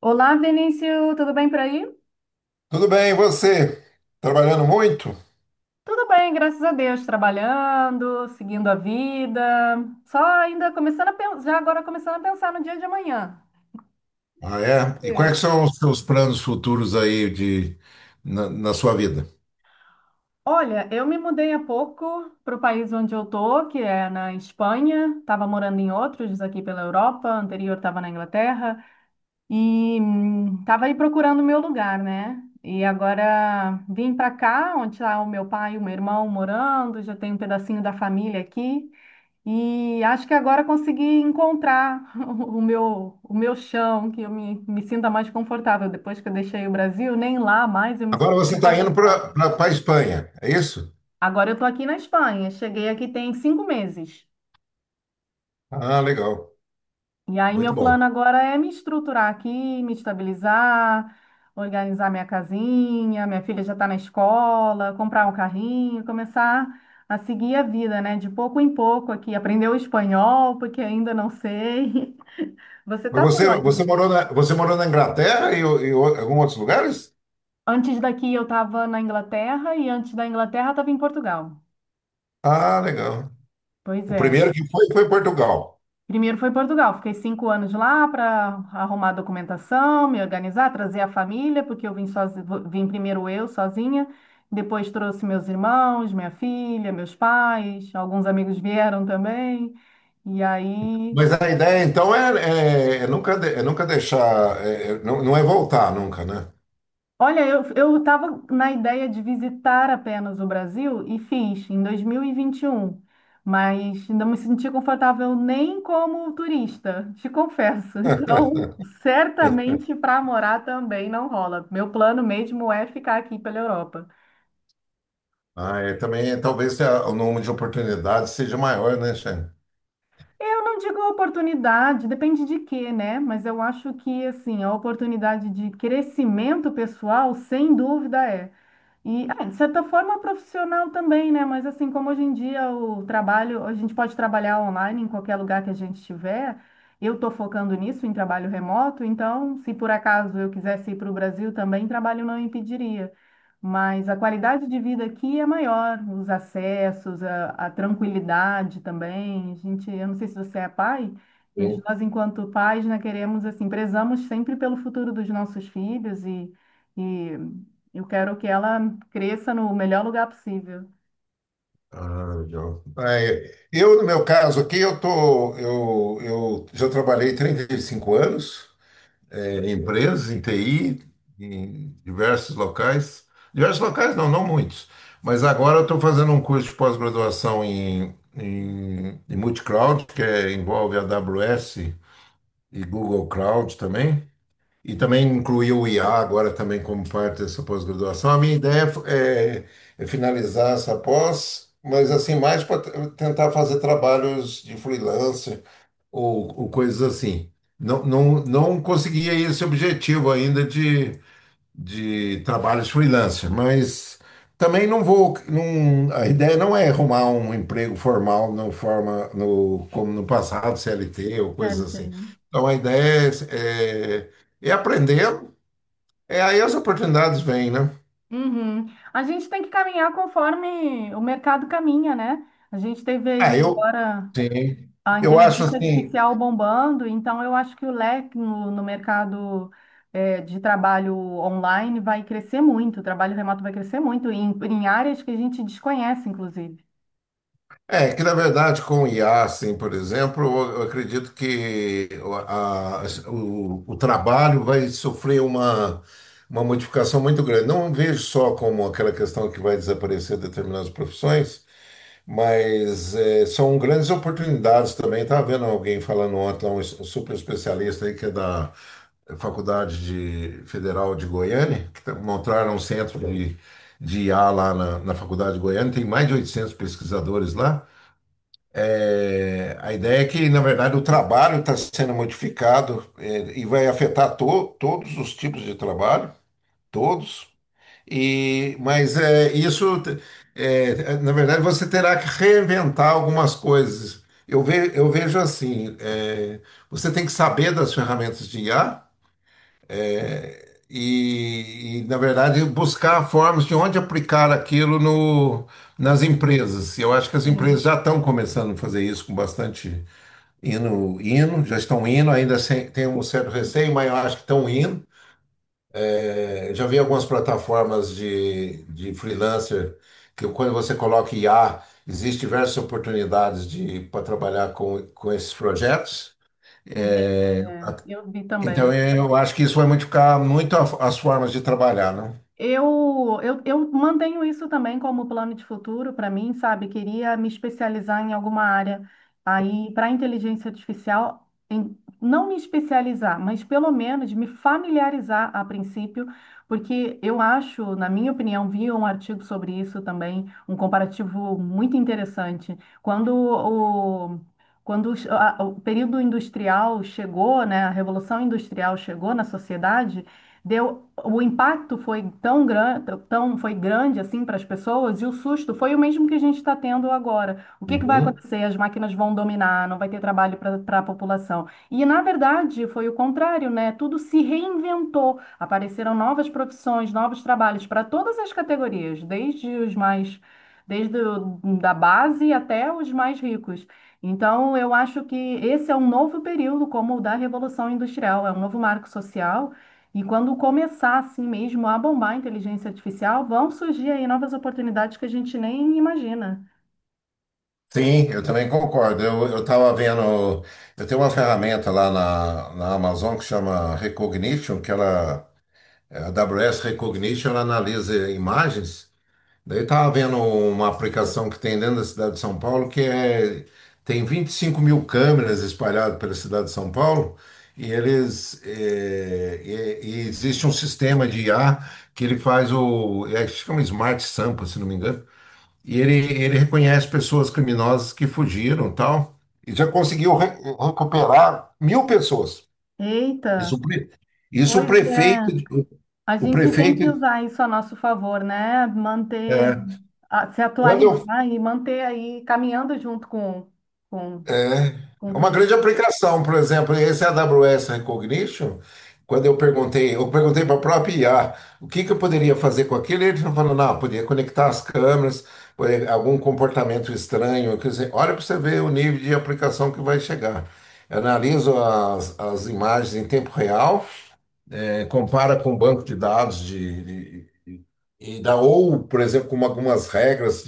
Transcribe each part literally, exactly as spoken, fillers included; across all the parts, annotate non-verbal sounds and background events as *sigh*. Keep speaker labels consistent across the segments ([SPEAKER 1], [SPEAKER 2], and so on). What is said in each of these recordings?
[SPEAKER 1] Olá, Vinícius, tudo bem por aí?
[SPEAKER 2] Tudo bem, e você? Trabalhando muito?
[SPEAKER 1] Tudo bem, graças a Deus, trabalhando, seguindo a vida, só ainda começando a pensar, já agora começando a pensar no dia de amanhã.
[SPEAKER 2] Ah, é? E
[SPEAKER 1] É.
[SPEAKER 2] quais são os seus planos futuros aí de, na, na sua vida?
[SPEAKER 1] Olha, eu me mudei há pouco para o país onde eu tô, que é na Espanha. Estava morando em outros aqui pela Europa, anterior estava na Inglaterra e estava aí procurando o meu lugar, né? E agora vim para cá, onde está o meu pai e o meu irmão morando, já tenho um pedacinho da família aqui. E acho que agora consegui encontrar *laughs* o meu, o meu chão, que eu me, me sinta mais confortável. Depois que eu deixei o Brasil, nem lá mais eu me
[SPEAKER 2] Agora você
[SPEAKER 1] senti
[SPEAKER 2] está indo para
[SPEAKER 1] confortável.
[SPEAKER 2] a Espanha, é isso?
[SPEAKER 1] Agora eu estou aqui na Espanha, cheguei aqui tem cinco meses.
[SPEAKER 2] Ah, legal.
[SPEAKER 1] E aí
[SPEAKER 2] Muito
[SPEAKER 1] meu
[SPEAKER 2] bom.
[SPEAKER 1] plano agora é me estruturar aqui, me estabilizar, organizar minha casinha, minha filha já está na escola, comprar um carrinho, começar a seguir a vida, né? De pouco em pouco aqui, aprender o espanhol, porque ainda não sei. *laughs* Você
[SPEAKER 2] Mas
[SPEAKER 1] está por
[SPEAKER 2] Você, você
[SPEAKER 1] onde?
[SPEAKER 2] morou na, você morou na Inglaterra e, o- e o- alguns outros lugares?
[SPEAKER 1] Antes daqui eu estava na Inglaterra e antes da Inglaterra estava em Portugal.
[SPEAKER 2] Ah, legal.
[SPEAKER 1] Pois
[SPEAKER 2] O
[SPEAKER 1] é.
[SPEAKER 2] primeiro que foi foi Portugal.
[SPEAKER 1] Primeiro foi Portugal, fiquei cinco anos lá para arrumar documentação, me organizar, trazer a família, porque eu vim sozi- vim primeiro eu sozinha, depois trouxe meus irmãos, minha filha, meus pais, alguns amigos vieram também. E aí.
[SPEAKER 2] Mas a ideia então é, é- é nunca, de- é nunca deixar, é- é- não, não é voltar nunca, né?
[SPEAKER 1] Olha, eu eu estava na ideia de visitar apenas o Brasil e fiz em dois mil e e vinte e um, mas não me senti confortável nem como turista, te confesso. *laughs*
[SPEAKER 2] *laughs*
[SPEAKER 1] Então, certamente para morar também não rola. Meu plano mesmo é ficar aqui pela Europa.
[SPEAKER 2] Ah, é, também, talvez a- o número de oportunidades seja maior, né, Shane?
[SPEAKER 1] Eu não digo oportunidade, depende de quê, né? Mas eu acho que assim, a oportunidade de crescimento pessoal, sem dúvida é. E, ah, de certa forma, profissional também, né? Mas, assim, como hoje em dia o trabalho, a gente pode trabalhar online em qualquer lugar que a gente estiver, eu estou focando nisso, em trabalho remoto, então, se por acaso eu quisesse ir para o Brasil também, trabalho não impediria. Mas a qualidade de vida aqui é maior, os acessos, a, a tranquilidade também. A gente, eu não sei se você é pai, mas
[SPEAKER 2] Sim.
[SPEAKER 1] nós, enquanto pais, né, queremos, assim, prezamos sempre pelo futuro dos nossos filhos e. E eu quero que ela cresça no melhor lugar possível.
[SPEAKER 2] Ah, legal. Ah, é. Eu, no meu caso aqui, eu tô, eu, eu já trabalhei trinta e cinco anos, é, em empresas, em T I, em diversos locais. Diversos locais não, não muitos. Mas agora eu estou fazendo um curso de pós-graduação em, em, em multicloud, que é- envolve A W S e Google Cloud também. E também incluiu o I A agora também como parte dessa pós-graduação. A minha ideia é, é finalizar essa pós, mas assim, mais para tentar fazer trabalhos de freelancer ou, ou coisas assim. Não, não, não consegui aí esse objetivo ainda de de trabalhos freelancer, mas também não vou, não, a ideia não é arrumar um emprego formal no forma no como no passado, C L T ou coisas
[SPEAKER 1] C L T,
[SPEAKER 2] assim.
[SPEAKER 1] né?
[SPEAKER 2] Então a ideia é, é, é aprender, é aí as oportunidades vêm, né?
[SPEAKER 1] Uhum. A gente tem que caminhar conforme o mercado caminha, né? A gente teve aí
[SPEAKER 2] Ah, eu
[SPEAKER 1] agora
[SPEAKER 2] sim.
[SPEAKER 1] a
[SPEAKER 2] Eu acho
[SPEAKER 1] inteligência
[SPEAKER 2] assim,
[SPEAKER 1] artificial bombando, então eu acho que o leque no, no mercado eh, de trabalho online vai crescer muito, o trabalho remoto vai crescer muito, em, em áreas que a gente desconhece, inclusive.
[SPEAKER 2] É, que na verdade com o I A, assim, por exemplo, eu eu acredito que o, a- o- o trabalho vai sofrer uma, uma modificação muito grande. Não vejo só como aquela questão que vai desaparecer determinadas profissões, mas é, são grandes oportunidades também. Estava vendo alguém falando ontem, lá, um es- um super especialista aí que é da Faculdade de- Federal de Goiânia, que tá- montaram um centro de, de I A lá na, na Faculdade de Goiânia, tem mais de oitocentos pesquisadores lá, é, a ideia é que, na verdade, o trabalho está sendo modificado, é, e vai afetar to- todos os tipos de trabalho, todos. E, mas é, isso, é, na verdade, você terá que reinventar algumas coisas. Eu, ve- eu vejo assim, é, você tem que saber das ferramentas de I A e, e, na verdade, buscar formas de onde aplicar aquilo no, nas empresas. Eu acho que as
[SPEAKER 1] Sim.
[SPEAKER 2] empresas já estão começando a fazer isso com bastante. Indo, indo, já estão indo, ainda sem, tem um certo receio, mas eu acho que estão indo. É, já vi algumas plataformas de, de freelancer que quando você coloca I A, existem diversas oportunidades de para trabalhar com, com esses projetos.
[SPEAKER 1] Entendi,
[SPEAKER 2] É,
[SPEAKER 1] é.
[SPEAKER 2] a-
[SPEAKER 1] Eu vi
[SPEAKER 2] então
[SPEAKER 1] também.
[SPEAKER 2] eu acho que isso vai modificar muito a- as formas de trabalhar, né?
[SPEAKER 1] Eu, eu, eu mantenho isso também como plano de futuro para mim, sabe? Queria me especializar em alguma área aí para inteligência artificial, em- não me especializar, mas pelo menos me familiarizar a princípio, porque eu acho, na minha opinião, vi um artigo sobre isso também, um comparativo muito interessante. Quando o Quando os- a- o período industrial chegou, né, a revolução industrial chegou na sociedade, deu o impacto foi tão grande, tão foi grande assim para as pessoas e o susto foi o mesmo que a gente está tendo agora. O que que vai
[SPEAKER 2] Uhum.
[SPEAKER 1] acontecer? As máquinas vão dominar, não vai ter trabalho para a população. E na verdade foi o contrário, né? Tudo se reinventou, apareceram novas profissões, novos trabalhos para todas as categorias, desde os mais desde o, da base até os mais ricos. Então, eu acho que esse é um novo período, como o da Revolução Industrial, é um novo marco social e quando começar assim mesmo a bombar a inteligência artificial, vão surgir aí novas oportunidades que a gente nem imagina.
[SPEAKER 2] Sim, eu também concordo. Eu estava vendo, eu tenho uma ferramenta lá na, na Amazon que chama Recognition, que ela É, a AWS Recognition ela analisa imagens. Daí estava vendo uma aplicação que tem dentro da cidade de São Paulo que é, tem vinte e cinco mil câmeras espalhadas pela cidade de São Paulo e eles é, e- e existe um sistema de I A que ele faz o é, chama Smart Sampa se não me engano, e ele, ele reconhece pessoas criminosas que fugiram, e tal, e já conseguiu re- recuperar mil pessoas. Isso,
[SPEAKER 1] Eita,
[SPEAKER 2] o pre- isso o
[SPEAKER 1] pois
[SPEAKER 2] prefeito,
[SPEAKER 1] é. A
[SPEAKER 2] o
[SPEAKER 1] gente tem que
[SPEAKER 2] prefeito
[SPEAKER 1] usar isso a nosso favor, né? Manter,
[SPEAKER 2] é.
[SPEAKER 1] a- se
[SPEAKER 2] Quando eu,
[SPEAKER 1] atualizar e manter aí caminhando junto com, com,
[SPEAKER 2] é,
[SPEAKER 1] com
[SPEAKER 2] é uma
[SPEAKER 1] tudo.
[SPEAKER 2] grande aplicação, por exemplo, esse A W S Recognition, quando eu perguntei, eu perguntei para a própria I A o que que eu poderia fazer com aquilo, ele falou, não, podia conectar as câmeras, eh, algum comportamento estranho, quer dizer, olha para você ver o nível de aplicação que vai chegar. Eu analiso as, as imagens em tempo real, eh, compara com o banco de dados de, de- e dá, ou, por exemplo, com algumas regras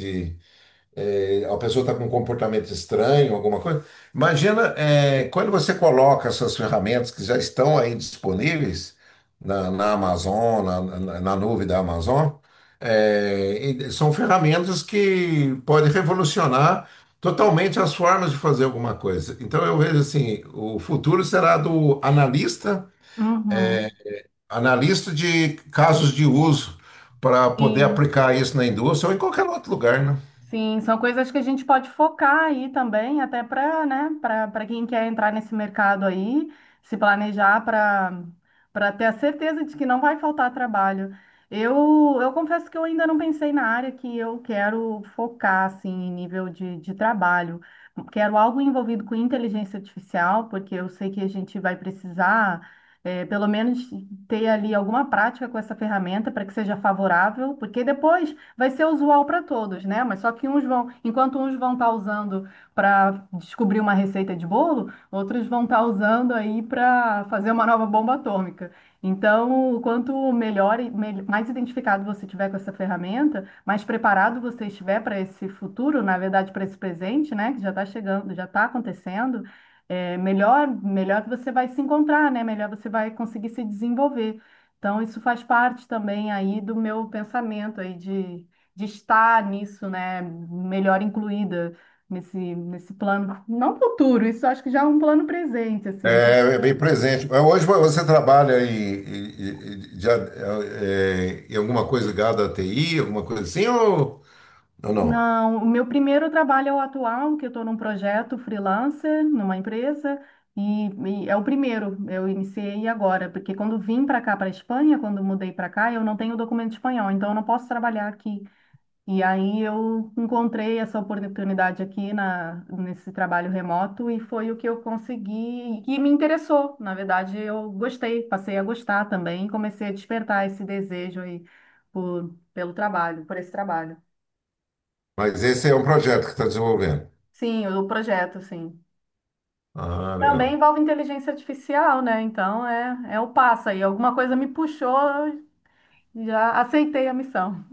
[SPEAKER 2] a pessoa está com um comportamento estranho, alguma coisa. Imagina, é, quando você coloca essas ferramentas que já estão aí disponíveis na, na Amazon, na, na- na nuvem da Amazon, é, e são ferramentas que podem revolucionar totalmente as formas de fazer alguma coisa. Então eu vejo assim, o futuro será do analista,
[SPEAKER 1] Uhum.
[SPEAKER 2] analista de casos de uso para poder
[SPEAKER 1] Sim.
[SPEAKER 2] aplicar isso na indústria ou em qualquer outro lugar, né?
[SPEAKER 1] Sim, são coisas que a gente pode focar aí também, até para, né, para para quem quer entrar nesse mercado aí, se planejar para para ter a certeza de que não vai faltar trabalho. Eu, eu confesso que eu ainda não pensei na área que eu quero focar, assim, em nível de, de trabalho. Quero algo envolvido com inteligência artificial, porque eu sei que a gente vai precisar, eh, pelo menos, ter ali alguma prática com essa ferramenta para que seja favorável, porque depois vai ser usual para todos, né? Mas só que uns vão, enquanto uns vão estar usando para descobrir uma receita de bolo, outros vão estar usando aí para fazer uma nova bomba atômica. Então, quanto melhor, e mel- mais identificado você tiver com essa ferramenta, mais preparado você estiver para esse futuro, na verdade, para esse presente, né? Que já está chegando, já está acontecendo. É, melhor, melhor que você vai se encontrar, né? Melhor você vai conseguir se desenvolver. Então, isso faz parte também aí do meu pensamento aí de de estar nisso, né, melhor incluída nesse, nesse plano, não futuro, isso acho que já é um plano presente, assim.
[SPEAKER 2] É, é bem presente. Mas hoje você trabalha em, em- em- de- é, é, em alguma coisa ligada à T I, alguma coisa assim, ou, ou não?
[SPEAKER 1] Não, o meu primeiro trabalho é o atual, que eu estou num projeto freelancer, numa empresa, e, e é o primeiro, eu iniciei agora, porque quando vim para cá, para a Espanha, quando mudei para cá, eu não tenho documento espanhol, então eu não posso trabalhar aqui. E aí eu encontrei essa oportunidade aqui na, nesse trabalho remoto e foi o que eu consegui e me interessou. Na verdade, eu gostei, passei a gostar também e comecei a despertar esse desejo aí por, pelo trabalho, por esse trabalho.
[SPEAKER 2] Mas esse é um projeto que está desenvolvendo.
[SPEAKER 1] Sim, o projeto, sim.
[SPEAKER 2] Ah,
[SPEAKER 1] Também
[SPEAKER 2] legal.
[SPEAKER 1] envolve inteligência artificial, né? Então é, é o passo aí. Alguma coisa me puxou, eu já aceitei a missão.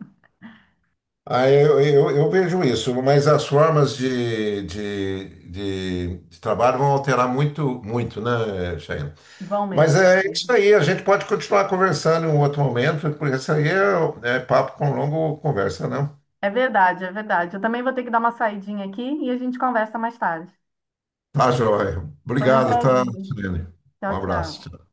[SPEAKER 2] Ah, eu, eu, eu vejo isso, mas as formas de, de, de, de trabalho vão alterar muito, muito, né, Cheyenne?
[SPEAKER 1] Vão
[SPEAKER 2] Mas
[SPEAKER 1] mesmo.
[SPEAKER 2] é isso aí, a gente pode continuar conversando em um outro momento, porque isso aí é, é papo com longo conversa, né?
[SPEAKER 1] É verdade, é verdade. Eu também vou ter que dar uma saidinha aqui e a gente conversa mais tarde.
[SPEAKER 2] Tá, joia.
[SPEAKER 1] Foi um
[SPEAKER 2] Obrigado, tá,
[SPEAKER 1] prazer.
[SPEAKER 2] Sirene? Um
[SPEAKER 1] Tchau,
[SPEAKER 2] abraço.
[SPEAKER 1] tchau.
[SPEAKER 2] Tchau.